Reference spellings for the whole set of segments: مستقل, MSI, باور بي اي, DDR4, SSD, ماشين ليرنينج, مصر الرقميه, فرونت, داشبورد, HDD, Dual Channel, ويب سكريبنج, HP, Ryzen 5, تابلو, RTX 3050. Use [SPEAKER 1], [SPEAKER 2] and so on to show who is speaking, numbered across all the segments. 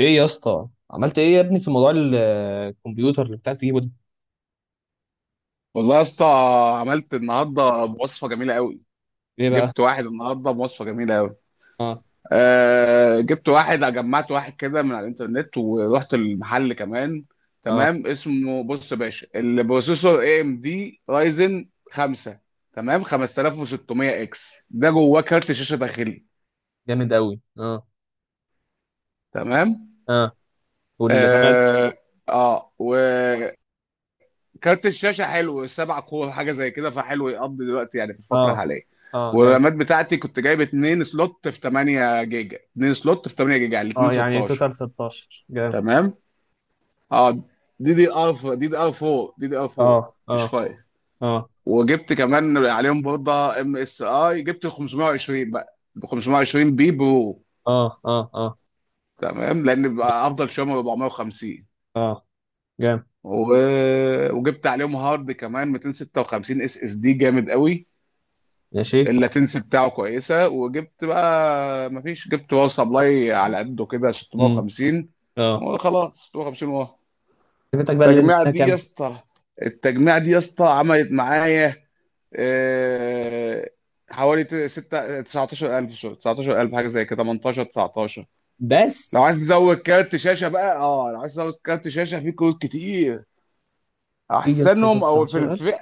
[SPEAKER 1] ايه يا اسطى؟ عملت ايه يا ابني في موضوع الكمبيوتر اللي بتاع تجيبه ده.
[SPEAKER 2] والله يا اسطى، عملت النهارده بوصفه جميله قوي.
[SPEAKER 1] ايه بقى؟
[SPEAKER 2] جبت واحد النهارده بوصفه جميله قوي.
[SPEAKER 1] اه.
[SPEAKER 2] جبت واحد، جمعت واحد كده من على الانترنت، ورحت المحل كمان.
[SPEAKER 1] اه
[SPEAKER 2] تمام. اسمه، بص يا باشا، البروسيسور اي ام دي رايزن 5. تمام. 5600 اكس. ده جواه كارت شاشه داخلي.
[SPEAKER 1] جامد قوي، اه.
[SPEAKER 2] تمام.
[SPEAKER 1] اه، والرامات؟
[SPEAKER 2] اه. آه. كارت الشاشه حلو، سبع كور حاجه زي كده، فحلو يقضي دلوقتي يعني في الفتره
[SPEAKER 1] اه.
[SPEAKER 2] الحاليه.
[SPEAKER 1] اه جامد.
[SPEAKER 2] والرامات بتاعتي كنت جايب اتنين سلوت في 8 جيجا، اتنين سلوت في 8 جيجا، يعني الاتنين
[SPEAKER 1] اه يعني
[SPEAKER 2] 16.
[SPEAKER 1] توتال 16، جامد.
[SPEAKER 2] تمام. اه. دي دي ار. دي دي ار 4،
[SPEAKER 1] اه.
[SPEAKER 2] مش
[SPEAKER 1] اه.
[SPEAKER 2] 5.
[SPEAKER 1] اه.
[SPEAKER 2] وجبت كمان عليهم برضه ام اس اي، جبت 520 بقى، 520 بي برو.
[SPEAKER 1] اه. اه. اه.
[SPEAKER 2] تمام، لان بيبقى افضل شويه من 450.
[SPEAKER 1] اه جامد.
[SPEAKER 2] و... وجبت عليهم هارد كمان 256 اس اس دي، جامد قوي.
[SPEAKER 1] ماشي.
[SPEAKER 2] اللاتنسي بتاعه كويسه. وجبت بقى، مفيش، جبت باور سبلاي على قده كده
[SPEAKER 1] امم.
[SPEAKER 2] 650.
[SPEAKER 1] اه.
[SPEAKER 2] وخلاص 650. واه.
[SPEAKER 1] خدمتك بقى، اللي دي
[SPEAKER 2] التجميعه
[SPEAKER 1] كلها
[SPEAKER 2] دي يا
[SPEAKER 1] كام؟
[SPEAKER 2] اسطى التجميعه دي يا اسطى عملت معايا آه، حوالي ستة 19,000، 19,000 حاجه زي كده، 18 19.
[SPEAKER 1] بس
[SPEAKER 2] لو عايز تزود كارت شاشه بقى، اه، لو عايز تزود كارت شاشه، في كروت كتير
[SPEAKER 1] ايه يا اسطى؟ ده
[SPEAKER 2] احسنهم او في
[SPEAKER 1] 19,000؟
[SPEAKER 2] الفئه،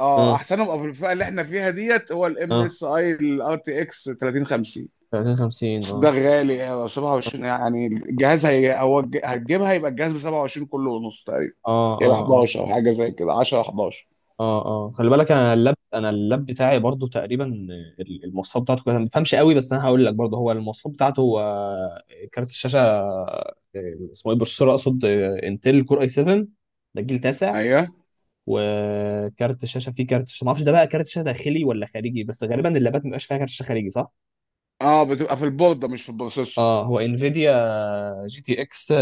[SPEAKER 2] اه،
[SPEAKER 1] اه.
[SPEAKER 2] احسنهم او في الفئه اللي احنا فيها، ديت هو الام
[SPEAKER 1] اه.
[SPEAKER 2] اس اي الار تي اكس 3050.
[SPEAKER 1] 30 50،
[SPEAKER 2] بس ده
[SPEAKER 1] اه.
[SPEAKER 2] غالي أوي، 27، يعني الجهاز، هتجيبها، يبقى الجهاز ب 27 كله ونص تقريبا.
[SPEAKER 1] اه.
[SPEAKER 2] يبقى
[SPEAKER 1] اه. اه.
[SPEAKER 2] 11، او حاجه زي كده، 10 11.
[SPEAKER 1] اه. اه خلي بالك، انا اللاب، انا اللاب بتاعي برضو تقريبا المواصفات بتاعته كويسه. انا ما بفهمش قوي، بس انا هقول لك برضو هو المواصفات بتاعته هو. كارت الشاشه اسمه ايه، بروسيسور، اقصد انتل كور اي 7، ده جيل تاسع.
[SPEAKER 2] ايوه.
[SPEAKER 1] وكارت الشاشه فيه كارت شاشة ما اعرفش، ده بقى كارت شاشه داخلي ولا خارجي؟ بس غالبا اللابات ما بيبقاش فيها كارت شاشه خارجي، صح؟
[SPEAKER 2] اه، بتبقى في البورده مش في البروسيسور.
[SPEAKER 1] اه، هو انفيديا جي تي اكس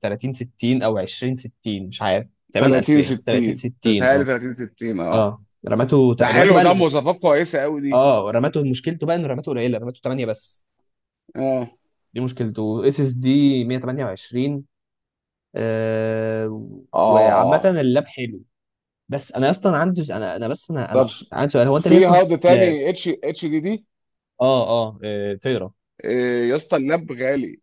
[SPEAKER 1] 3060 او 2060، مش عارف، تقريبا
[SPEAKER 2] 30
[SPEAKER 1] 2000
[SPEAKER 2] 60،
[SPEAKER 1] 3060،
[SPEAKER 2] بتهيألي
[SPEAKER 1] اه.
[SPEAKER 2] 30 60، اه.
[SPEAKER 1] اه، رماته
[SPEAKER 2] ده
[SPEAKER 1] رماته
[SPEAKER 2] حلو، ده
[SPEAKER 1] بقى.
[SPEAKER 2] مواصفات كويسه قوي دي.
[SPEAKER 1] اه، رماته مشكلته بقى انه رماته قليله، رماته 8 بس،
[SPEAKER 2] اه.
[SPEAKER 1] دي مشكلته. اس اس دي 128. آه. وعامه
[SPEAKER 2] اه.
[SPEAKER 1] اللاب حلو. بس انا اصلا عندي، انا بس انا
[SPEAKER 2] طب،
[SPEAKER 1] انا عندي سؤال، هو انت ليه
[SPEAKER 2] في
[SPEAKER 1] اصلا جبت
[SPEAKER 2] هارد
[SPEAKER 1] لاب؟
[SPEAKER 2] تاني اتش اتش دي دي؟
[SPEAKER 1] اه. اه. تقرا.
[SPEAKER 2] إيه يا اسطى، اللاب غالي.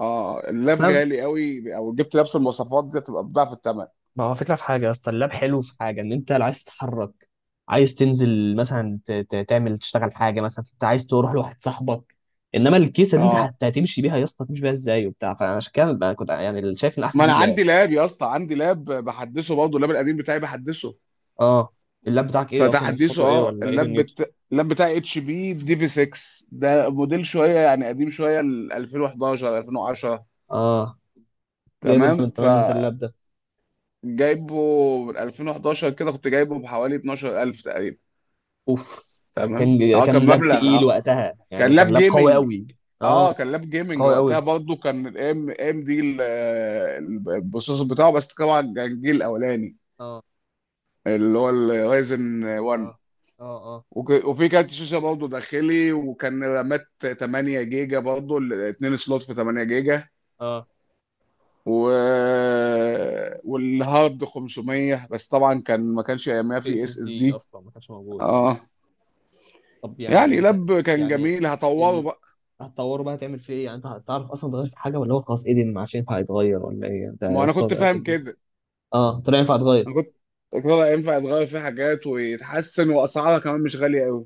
[SPEAKER 2] اه، اللاب
[SPEAKER 1] اصل أنا-
[SPEAKER 2] غالي قوي، او جبت نفس المواصفات دي تبقى بضعف الثمن.
[SPEAKER 1] ما هو فكره في حاجه يا اسطى، اللاب حلو في حاجه، ان انت لو عايز تتحرك، عايز تنزل مثلا تعمل تشتغل حاجه، مثلا انت عايز تروح لواحد صاحبك، انما الكيسه دي انت
[SPEAKER 2] اه،
[SPEAKER 1] هتمشي بيها يا اسطى، هتمشي بيها ازاي وبتاع، فعشان كده بقى كنت يعني شايف ان احسن
[SPEAKER 2] ما انا
[SPEAKER 1] تجيب لاب.
[SPEAKER 2] عندي لاب يا اسطى، عندي لاب بحدثه برضه، اللاب القديم بتاعي بحدثه،
[SPEAKER 1] اه، اللاب بتاعك ايه اصلا؟
[SPEAKER 2] فتحديثه،
[SPEAKER 1] مواصفاته ايه
[SPEAKER 2] اه.
[SPEAKER 1] ولا ايه دنيته؟
[SPEAKER 2] اللاب بتاعي اتش بي دي في 6، ده موديل شويه يعني قديم شويه، ال 2011 2010.
[SPEAKER 1] اه، جايبه انت
[SPEAKER 2] تمام.
[SPEAKER 1] من زمان انت اللاب ده؟
[SPEAKER 2] فجايبه من 2011 كده، كنت جايبه بحوالي 12,000 تقريبا.
[SPEAKER 1] اوف.
[SPEAKER 2] تمام.
[SPEAKER 1] كان،
[SPEAKER 2] اه، كان
[SPEAKER 1] كان لاب
[SPEAKER 2] مبلغ،
[SPEAKER 1] تقيل
[SPEAKER 2] اه.
[SPEAKER 1] وقتها،
[SPEAKER 2] كان
[SPEAKER 1] يعني كان
[SPEAKER 2] لاب
[SPEAKER 1] لاب قوي
[SPEAKER 2] جيمنج.
[SPEAKER 1] قوي. اه
[SPEAKER 2] اه، كان لاب جيمنج
[SPEAKER 1] قوي
[SPEAKER 2] وقتها،
[SPEAKER 1] قوي.
[SPEAKER 2] برضه كان الام ام دي البروسيسور بتاعه، بس طبعا كان الجيل الاولاني،
[SPEAKER 1] اه.
[SPEAKER 2] اللي هو الرايزن 1.
[SPEAKER 1] اه. اه. اه.
[SPEAKER 2] وفي كارت شاشه برضه داخلي، وكان رامات 8 جيجا برضه ال- اتنين سلوت في 8 جيجا.
[SPEAKER 1] اه
[SPEAKER 2] و... والهارد 500، بس طبعا كان، ما كانش ايامها
[SPEAKER 1] في
[SPEAKER 2] في
[SPEAKER 1] اس اس
[SPEAKER 2] اس اس
[SPEAKER 1] دي
[SPEAKER 2] دي.
[SPEAKER 1] اصلا ما كانش موجود، اه.
[SPEAKER 2] اه.
[SPEAKER 1] طب يعني ده
[SPEAKER 2] يعني
[SPEAKER 1] انت،
[SPEAKER 2] لاب كان
[SPEAKER 1] يعني
[SPEAKER 2] جميل، هطوره
[SPEAKER 1] ال...
[SPEAKER 2] بقى.
[SPEAKER 1] هتطوره بقى، هتعمل فيه ايه؟ يعني انت هتعرف اصلا تغير في حاجه، ولا هو خلاص ايدن ما عادش ينفع يتغير، ولا ايه ده يا
[SPEAKER 2] ما انا
[SPEAKER 1] اسطى؟
[SPEAKER 2] كنت فاهم كده.
[SPEAKER 1] اه، طلع ينفع يتغير.
[SPEAKER 2] انا كنت قلت له لا، ينفع يتغير فيه حاجات ويتحسن، واسعارها كمان مش غاليه قوي.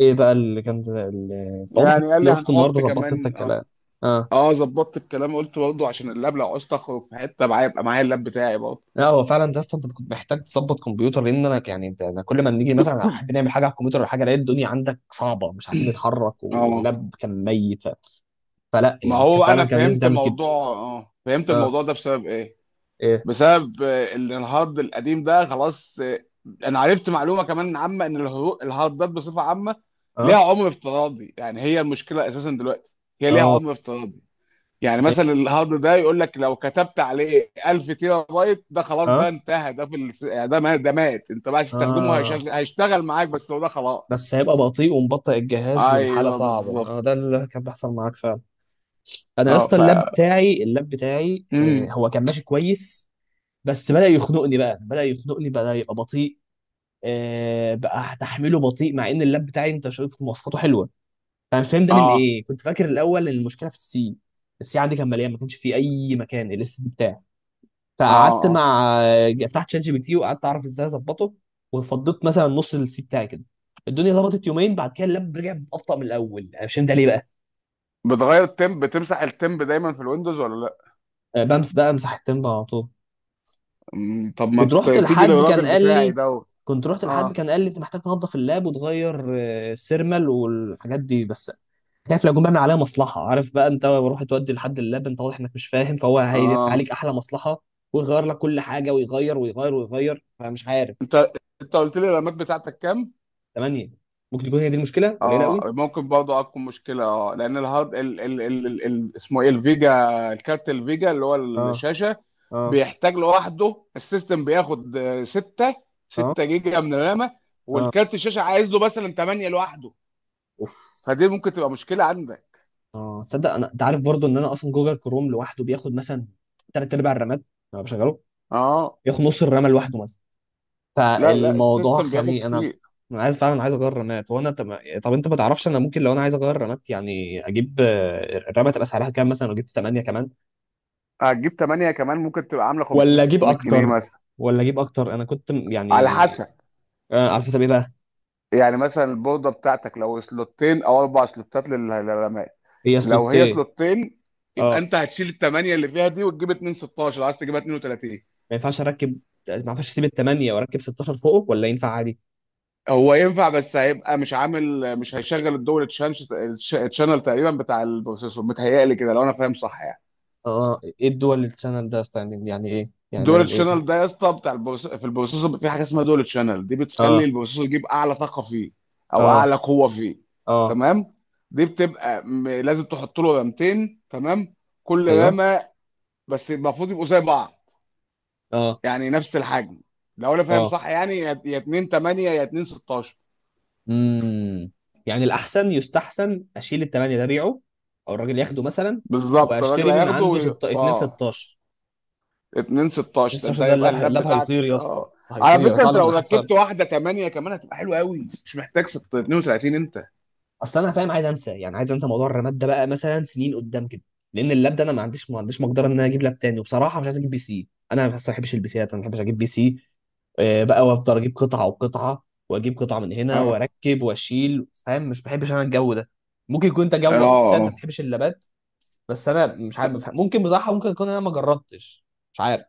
[SPEAKER 1] ايه بقى واضح إن
[SPEAKER 2] يعني
[SPEAKER 1] انت
[SPEAKER 2] قال لي
[SPEAKER 1] اللي رحت النهارده
[SPEAKER 2] هنحط
[SPEAKER 1] ظبطت انت
[SPEAKER 2] كمان، اه.
[SPEAKER 1] الكلام. اه.
[SPEAKER 2] اه، ظبطت الكلام. قلت برضه عشان اللاب، لو عوزت اخرج في حته معايا، يبقى معايا اللاب بتاعي برضه.
[SPEAKER 1] لا هو فعلا ده اصلا انت كنت محتاج تظبط كمبيوتر، لان انا يعني انت، انا كل ما نيجي مثلا احب نعمل حاجه على الكمبيوتر ولا حاجه، الاقي الدنيا عندك صعبه، مش عارفين نتحرك،
[SPEAKER 2] اه.
[SPEAKER 1] واللاب كان ميت. فلا
[SPEAKER 2] ما
[SPEAKER 1] يعني كان
[SPEAKER 2] هو
[SPEAKER 1] فعلا
[SPEAKER 2] انا
[SPEAKER 1] كان لازم
[SPEAKER 2] فهمت
[SPEAKER 1] تعمل كده.
[SPEAKER 2] موضوع، اه، فهمت
[SPEAKER 1] اه.
[SPEAKER 2] الموضوع ده بسبب ايه؟
[SPEAKER 1] ايه.
[SPEAKER 2] بسبب، ان الهارد القديم ده خلاص، انا عرفت معلومه كمان عامه، ان الهاردات بصفه عامه ليها
[SPEAKER 1] اه.
[SPEAKER 2] عمر افتراضي. يعني هي المشكله اساسا دلوقتي، هي ليها
[SPEAKER 1] اه.
[SPEAKER 2] عمر افتراضي. يعني
[SPEAKER 1] إيه؟
[SPEAKER 2] مثلا الهارد ده يقول لك لو كتبت عليه 1000 تيرا بايت، ده خلاص، ده
[SPEAKER 1] اه.
[SPEAKER 2] انتهى، ده في يعني ده مات، ده مات. انت بقى تستخدمه،
[SPEAKER 1] اه.
[SPEAKER 2] هيشتغل معاك، بس هو ده خلاص.
[SPEAKER 1] بس هيبقى بطيء ومبطئ الجهاز والحاله
[SPEAKER 2] ايوه
[SPEAKER 1] صعبه، اه ده
[SPEAKER 2] بالظبط.
[SPEAKER 1] اللي كان بيحصل معاك فعلا. انا يا
[SPEAKER 2] اه،
[SPEAKER 1] اسطى
[SPEAKER 2] ف،
[SPEAKER 1] اللاب بتاعي، اللاب بتاعي آه
[SPEAKER 2] امم
[SPEAKER 1] هو كان ماشي كويس، بس بدأ يخنقني بقى، بدأ يخنقني، بدأ يبقى بطيء. بقى تحميله بطيء مع ان اللاب بتاعي انت شايف مواصفاته حلوه. فانا مش فاهم ده من
[SPEAKER 2] اه.
[SPEAKER 1] ايه. كنت فاكر الاول ان المشكله في السي، السي عندي كان مليان ما كانش فيه اي مكان الاس دي بتاعي.
[SPEAKER 2] اه.
[SPEAKER 1] فقعدت
[SPEAKER 2] آه.
[SPEAKER 1] مع فتحت شات جي بي تي وقعدت اعرف ازاي اظبطه. وفضيت مثلا نص السي بتاعي كده، الدنيا ظبطت. يومين بعد كده اللاب رجع ابطا من الاول، انا مش فاهم ده ليه بقى.
[SPEAKER 2] بتغير التيمب؟ بتمسح التيمب دايما في الويندوز ولا لا؟
[SPEAKER 1] بمس بقى مساحة تنبع على طول.
[SPEAKER 2] طب ما
[SPEAKER 1] كنت رحت
[SPEAKER 2] تيجي
[SPEAKER 1] لحد كان
[SPEAKER 2] للراجل
[SPEAKER 1] قال
[SPEAKER 2] بتاعي
[SPEAKER 1] لي
[SPEAKER 2] دوت.
[SPEAKER 1] كنت رحت لحد
[SPEAKER 2] اه.
[SPEAKER 1] كان قال لي انت محتاج تنظف اللاب وتغير السيرمال والحاجات دي بس. خايف لو جم بيعمل عليها مصلحه، عارف بقى، انت روح تودي لحد اللاب انت واضح انك مش فاهم فهو هيعمل
[SPEAKER 2] اه.
[SPEAKER 1] عليك احلى مصلحه ويغير لك كل حاجه ويغير ويغير ويغير، فمش عارف.
[SPEAKER 2] انت انت قلت لي الرامات بتاعتك كام؟
[SPEAKER 1] تمانية. ممكن تكون هي دي المشكله، قليله
[SPEAKER 2] اه،
[SPEAKER 1] قوي.
[SPEAKER 2] ممكن برضه اكون مشكله، اه. لان الهارد، ال اسمه ايه، الفيجا، الكارت الفيجا اللي هو
[SPEAKER 1] اه.
[SPEAKER 2] الشاشه
[SPEAKER 1] اه.
[SPEAKER 2] بيحتاج لوحده. السيستم بياخد 6،
[SPEAKER 1] اه.
[SPEAKER 2] جيجا من الرامه،
[SPEAKER 1] اه.
[SPEAKER 2] والكارت الشاشه عايز له مثلا 8 لوحده.
[SPEAKER 1] اوف.
[SPEAKER 2] فدي ممكن تبقى مشكله عندك.
[SPEAKER 1] اه تصدق انا، انت عارف برضو ان انا اصلا جوجل كروم لوحده بياخد مثلا تلات ارباع الرامات، انا بشغله
[SPEAKER 2] اه.
[SPEAKER 1] بياخد نص الرامه لوحده مثلا.
[SPEAKER 2] لا، لا،
[SPEAKER 1] فالموضوع
[SPEAKER 2] السيستم بياخد
[SPEAKER 1] خاني انا.
[SPEAKER 2] كتير.
[SPEAKER 1] انا عايز فعلا عايز اغير الرامات. هو انا طب، طب انت ما تعرفش انا ممكن لو انا عايز اغير الرامات، يعني اجيب الرامه تبقى سعرها كام مثلا لو جبت 8 كمان؟
[SPEAKER 2] هتجيب 8 كمان، ممكن تبقى عامله 500
[SPEAKER 1] ولا اجيب
[SPEAKER 2] 600 جنيه
[SPEAKER 1] اكتر؟
[SPEAKER 2] مثلا.
[SPEAKER 1] ولا اجيب اكتر؟ انا كنت
[SPEAKER 2] على
[SPEAKER 1] يعني.
[SPEAKER 2] حسب.
[SPEAKER 1] آه على حسب ايه بقى؟
[SPEAKER 2] يعني مثلا البورده بتاعتك، لو سلوتين او اربع سلوتات للرماية،
[SPEAKER 1] هي
[SPEAKER 2] لو هي
[SPEAKER 1] سلوتين.
[SPEAKER 2] سلوتين، يبقى
[SPEAKER 1] اه
[SPEAKER 2] انت هتشيل الثمانيه اللي فيها دي وتجيب 2 16، عايز تجيبها 32.
[SPEAKER 1] ما ينفعش اركب، ما ينفعش اسيب الثمانيه واركب 16 فوقه ولا ينفع عادي؟
[SPEAKER 2] هو ينفع، بس هيبقى مش عامل، مش هيشغل الدول تشانش، تشانل تقريبا، بتاع البروسيسور، متهيألي كده لو انا فاهم صح يعني.
[SPEAKER 1] اه، ايه الدول الشانل ده ستاندنج؟ يعني ايه، يعني
[SPEAKER 2] دول
[SPEAKER 1] بيعمل ايه ده؟
[SPEAKER 2] تشانل ده يا اسطى بتاع في البروسيسور، بيبقى في حاجه اسمها دول تشانل، دي بتخلي
[SPEAKER 1] اه.
[SPEAKER 2] البروسيسور يجيب اعلى طاقه فيه، او
[SPEAKER 1] اه.
[SPEAKER 2] اعلى قوه فيه.
[SPEAKER 1] اه.
[SPEAKER 2] تمام. دي بتبقى لازم تحط له رامتين، تمام، كل
[SPEAKER 1] ايوه.
[SPEAKER 2] رامه، بس المفروض يبقوا زي بعض،
[SPEAKER 1] اه.
[SPEAKER 2] يعني نفس الحجم، لو انا فاهم
[SPEAKER 1] اه.
[SPEAKER 2] صح يعني، يا يا 2 8، يا 2 16.
[SPEAKER 1] امم. يعني الاحسن يستحسن اشيل الثمانيه ده بيعه، او الراجل ياخده مثلا،
[SPEAKER 2] بالظبط، الراجل
[SPEAKER 1] واشتري من
[SPEAKER 2] هياخده
[SPEAKER 1] عنده 2
[SPEAKER 2] اه.
[SPEAKER 1] 16.
[SPEAKER 2] 2 16
[SPEAKER 1] 2
[SPEAKER 2] ده، انت
[SPEAKER 1] 16 ده
[SPEAKER 2] هيبقى
[SPEAKER 1] اللاب،
[SPEAKER 2] اللاب
[SPEAKER 1] اللاب
[SPEAKER 2] بتاعك
[SPEAKER 1] هيطير يا اسطى،
[SPEAKER 2] اه. على
[SPEAKER 1] هيطير،
[SPEAKER 2] فكره،
[SPEAKER 1] هيطلع
[SPEAKER 2] انت
[SPEAKER 1] له
[SPEAKER 2] لو
[SPEAKER 1] جناحات فعلا.
[SPEAKER 2] ركبت واحده 8 كمان هتبقى حلوه قوي، مش محتاج 36 انت.
[SPEAKER 1] اصل انا فاهم عايز انسى، يعني عايز انسى موضوع الرماد ده بقى مثلا سنين قدام كده، لان اللاب ده انا ما عنديش مقدره ان انا اجيب لاب تاني. وبصراحه مش عايز اجيب بي سي، انا ما بحبش البي سيات، انا ما بحبش اجيب بي سي. بقى وافضل اجيب قطعه وقطعه واجيب قطعه من هنا
[SPEAKER 2] اه.
[SPEAKER 1] واركب واشيل، فاهم، مش بحبش انا الجو ده. ممكن يكون انت
[SPEAKER 2] اه.
[SPEAKER 1] جوك، انت
[SPEAKER 2] اه.
[SPEAKER 1] ما بتحبش اللابات، بس انا مش عارف بفهم. ممكن بصراحه، ممكن يكون انا ما جربتش، مش عارف.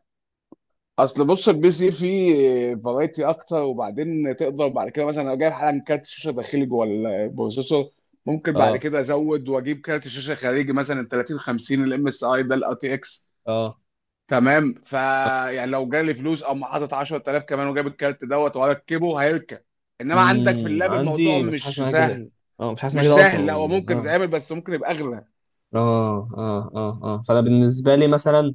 [SPEAKER 2] اصل بص، البي سي فيه فرايتي اكتر، وبعدين تقدر بعد كده مثلا، لو جايب حالا كارت شاشه داخلي جوه البروسيسور، ممكن بعد
[SPEAKER 1] اه.
[SPEAKER 2] كده ازود واجيب كارت شاشه خارجي مثلا 30 50، الام اس اي ده الار تي اكس.
[SPEAKER 1] اه.
[SPEAKER 2] تمام. ف يعني لو جالي فلوس او حاطط 10,000 كمان وجايب الكارت دوت واركبه، هيركب. انما عندك في
[SPEAKER 1] امم.
[SPEAKER 2] اللاب الموضوع
[SPEAKER 1] عندي ما فيش حاجه
[SPEAKER 2] مش
[SPEAKER 1] اسمها كده.
[SPEAKER 2] سهل.
[SPEAKER 1] اه ما فيش حاجه اسمها
[SPEAKER 2] مش
[SPEAKER 1] كده اصلا.
[SPEAKER 2] سهل، لا هو ممكن
[SPEAKER 1] اه.
[SPEAKER 2] تتعمل، بس ممكن يبقى اغلى.
[SPEAKER 1] اه. اه. اه. اه فانا بالنسبه لي مثلا،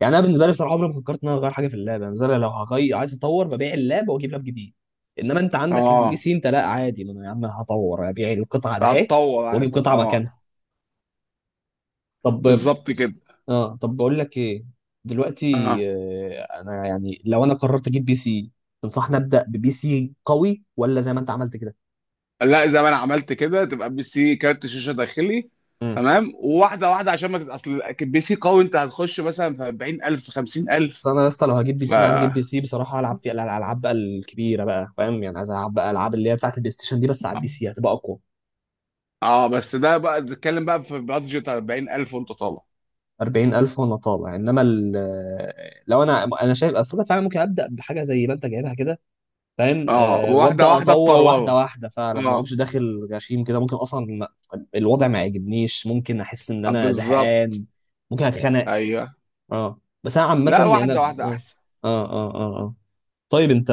[SPEAKER 1] يعني انا بالنسبه لي بصراحه عمري ما فكرت ان انا اغير حاجه في اللعبه. يعني مثلا لو هغير عايز اطور ببيع اللاب واجيب لاب جديد، انما انت عندك في البي
[SPEAKER 2] اه،
[SPEAKER 1] سي انت لا عادي، ما انا يا عم هطور ابيع القطعه ده اهي
[SPEAKER 2] هتطور عادي،
[SPEAKER 1] واجيب قطعه
[SPEAKER 2] اه.
[SPEAKER 1] مكانها. طب،
[SPEAKER 2] بالظبط كده.
[SPEAKER 1] اه طب بقول لك ايه، دلوقتي
[SPEAKER 2] اه،
[SPEAKER 1] انا يعني لو انا قررت اجيب بي سي، تنصحني ابدا ببي سي قوي ولا زي ما انت عملت كده؟
[SPEAKER 2] لا، زي ما انا عملت كده، تبقى بي سي كارت شاشه داخلي.
[SPEAKER 1] مم.
[SPEAKER 2] تمام. وواحده واحده عشان ما اصل بي سي قوي، انت هتخش مثلا في 40,000، في
[SPEAKER 1] بس
[SPEAKER 2] 50,000.
[SPEAKER 1] انا يا اسطى لو هجيب بي
[SPEAKER 2] ف،
[SPEAKER 1] سي انا عايز اجيب بي
[SPEAKER 2] اه،
[SPEAKER 1] سي بصراحه العب فيه الالعاب بقى الكبيره بقى، فاهم، يعني عايز العب بقى العاب اللي هي بتاعت البلاي ستيشن دي بس على البي سي هتبقى اقوى.
[SPEAKER 2] بس ده بقى بتتكلم بقى في بادجت 40,000 وانت طالع.
[SPEAKER 1] 40,000 وانا طالع، انما لو انا، انا شايف اصل أنا فعلا ممكن ابدا بحاجه زي ما انت جايبها كده، فاهم،
[SPEAKER 2] اه،
[SPEAKER 1] آه
[SPEAKER 2] واحده
[SPEAKER 1] وابدا
[SPEAKER 2] واحده
[SPEAKER 1] اطور واحده
[SPEAKER 2] تطوره،
[SPEAKER 1] واحده فعلا، ما
[SPEAKER 2] اه،
[SPEAKER 1] اقومش داخل غشيم كده، ممكن اصلا الوضع ما يعجبنيش، ممكن احس ان انا
[SPEAKER 2] بالظبط،
[SPEAKER 1] زهقان، ممكن اتخنق.
[SPEAKER 2] ايوه.
[SPEAKER 1] اه بس انا عامه
[SPEAKER 2] لا،
[SPEAKER 1] يعني انا.
[SPEAKER 2] واحده واحده
[SPEAKER 1] اه.
[SPEAKER 2] احسن.
[SPEAKER 1] اه. اه. اه، آه. طيب انت.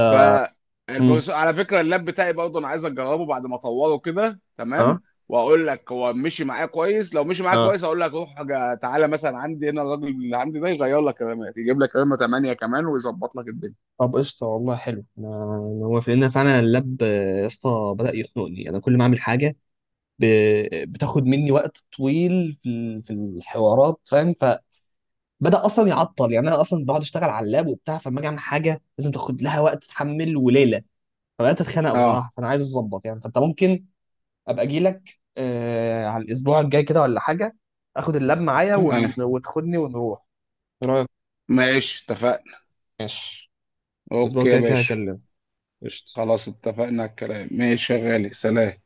[SPEAKER 1] مم.
[SPEAKER 2] فالبروس، على فكره اللاب بتاعي برضه، انا عايز اجربه بعد ما اطوره كده.
[SPEAKER 1] اه.
[SPEAKER 2] تمام. واقول لك هو مشي معايا كويس. لو مشي معايا
[SPEAKER 1] اه
[SPEAKER 2] كويس، اقول لك روح تعالى مثلا عندي هنا، الراجل اللي عندي ده يغير لك رامات، يجيب لك رامه 8 كمان ويظبط لك الدنيا.
[SPEAKER 1] طب قشطه، والله حلو. أنا هو في ان فعلا اللاب يا اسطى بدا يخنقني، انا كل ما اعمل حاجه ب... بتاخد مني وقت طويل في في الحوارات، فاهم. بدأ أصلا يعطل، يعني أنا أصلا بقعد أشتغل على اللاب وبتاع، فلما أجي أعمل حاجة لازم تاخد لها وقت تتحمل وليلة. فبدأت أتخانق
[SPEAKER 2] اه،
[SPEAKER 1] بصراحة، فأنا عايز أظبط يعني. فأنت ممكن أبقى أجي لك آه على الأسبوع الجاي كده ولا حاجة، آخد اللاب معايا
[SPEAKER 2] تمام،
[SPEAKER 1] وتاخدني ونروح. إيه رأيك؟
[SPEAKER 2] ماشي، اتفقنا.
[SPEAKER 1] ماشي. الأسبوع
[SPEAKER 2] اوكي يا
[SPEAKER 1] الجاي كده
[SPEAKER 2] باشا.
[SPEAKER 1] هكلمك. قشطة
[SPEAKER 2] خلاص، اتفقنا على الكلام، ماشي يا غالي، سلام.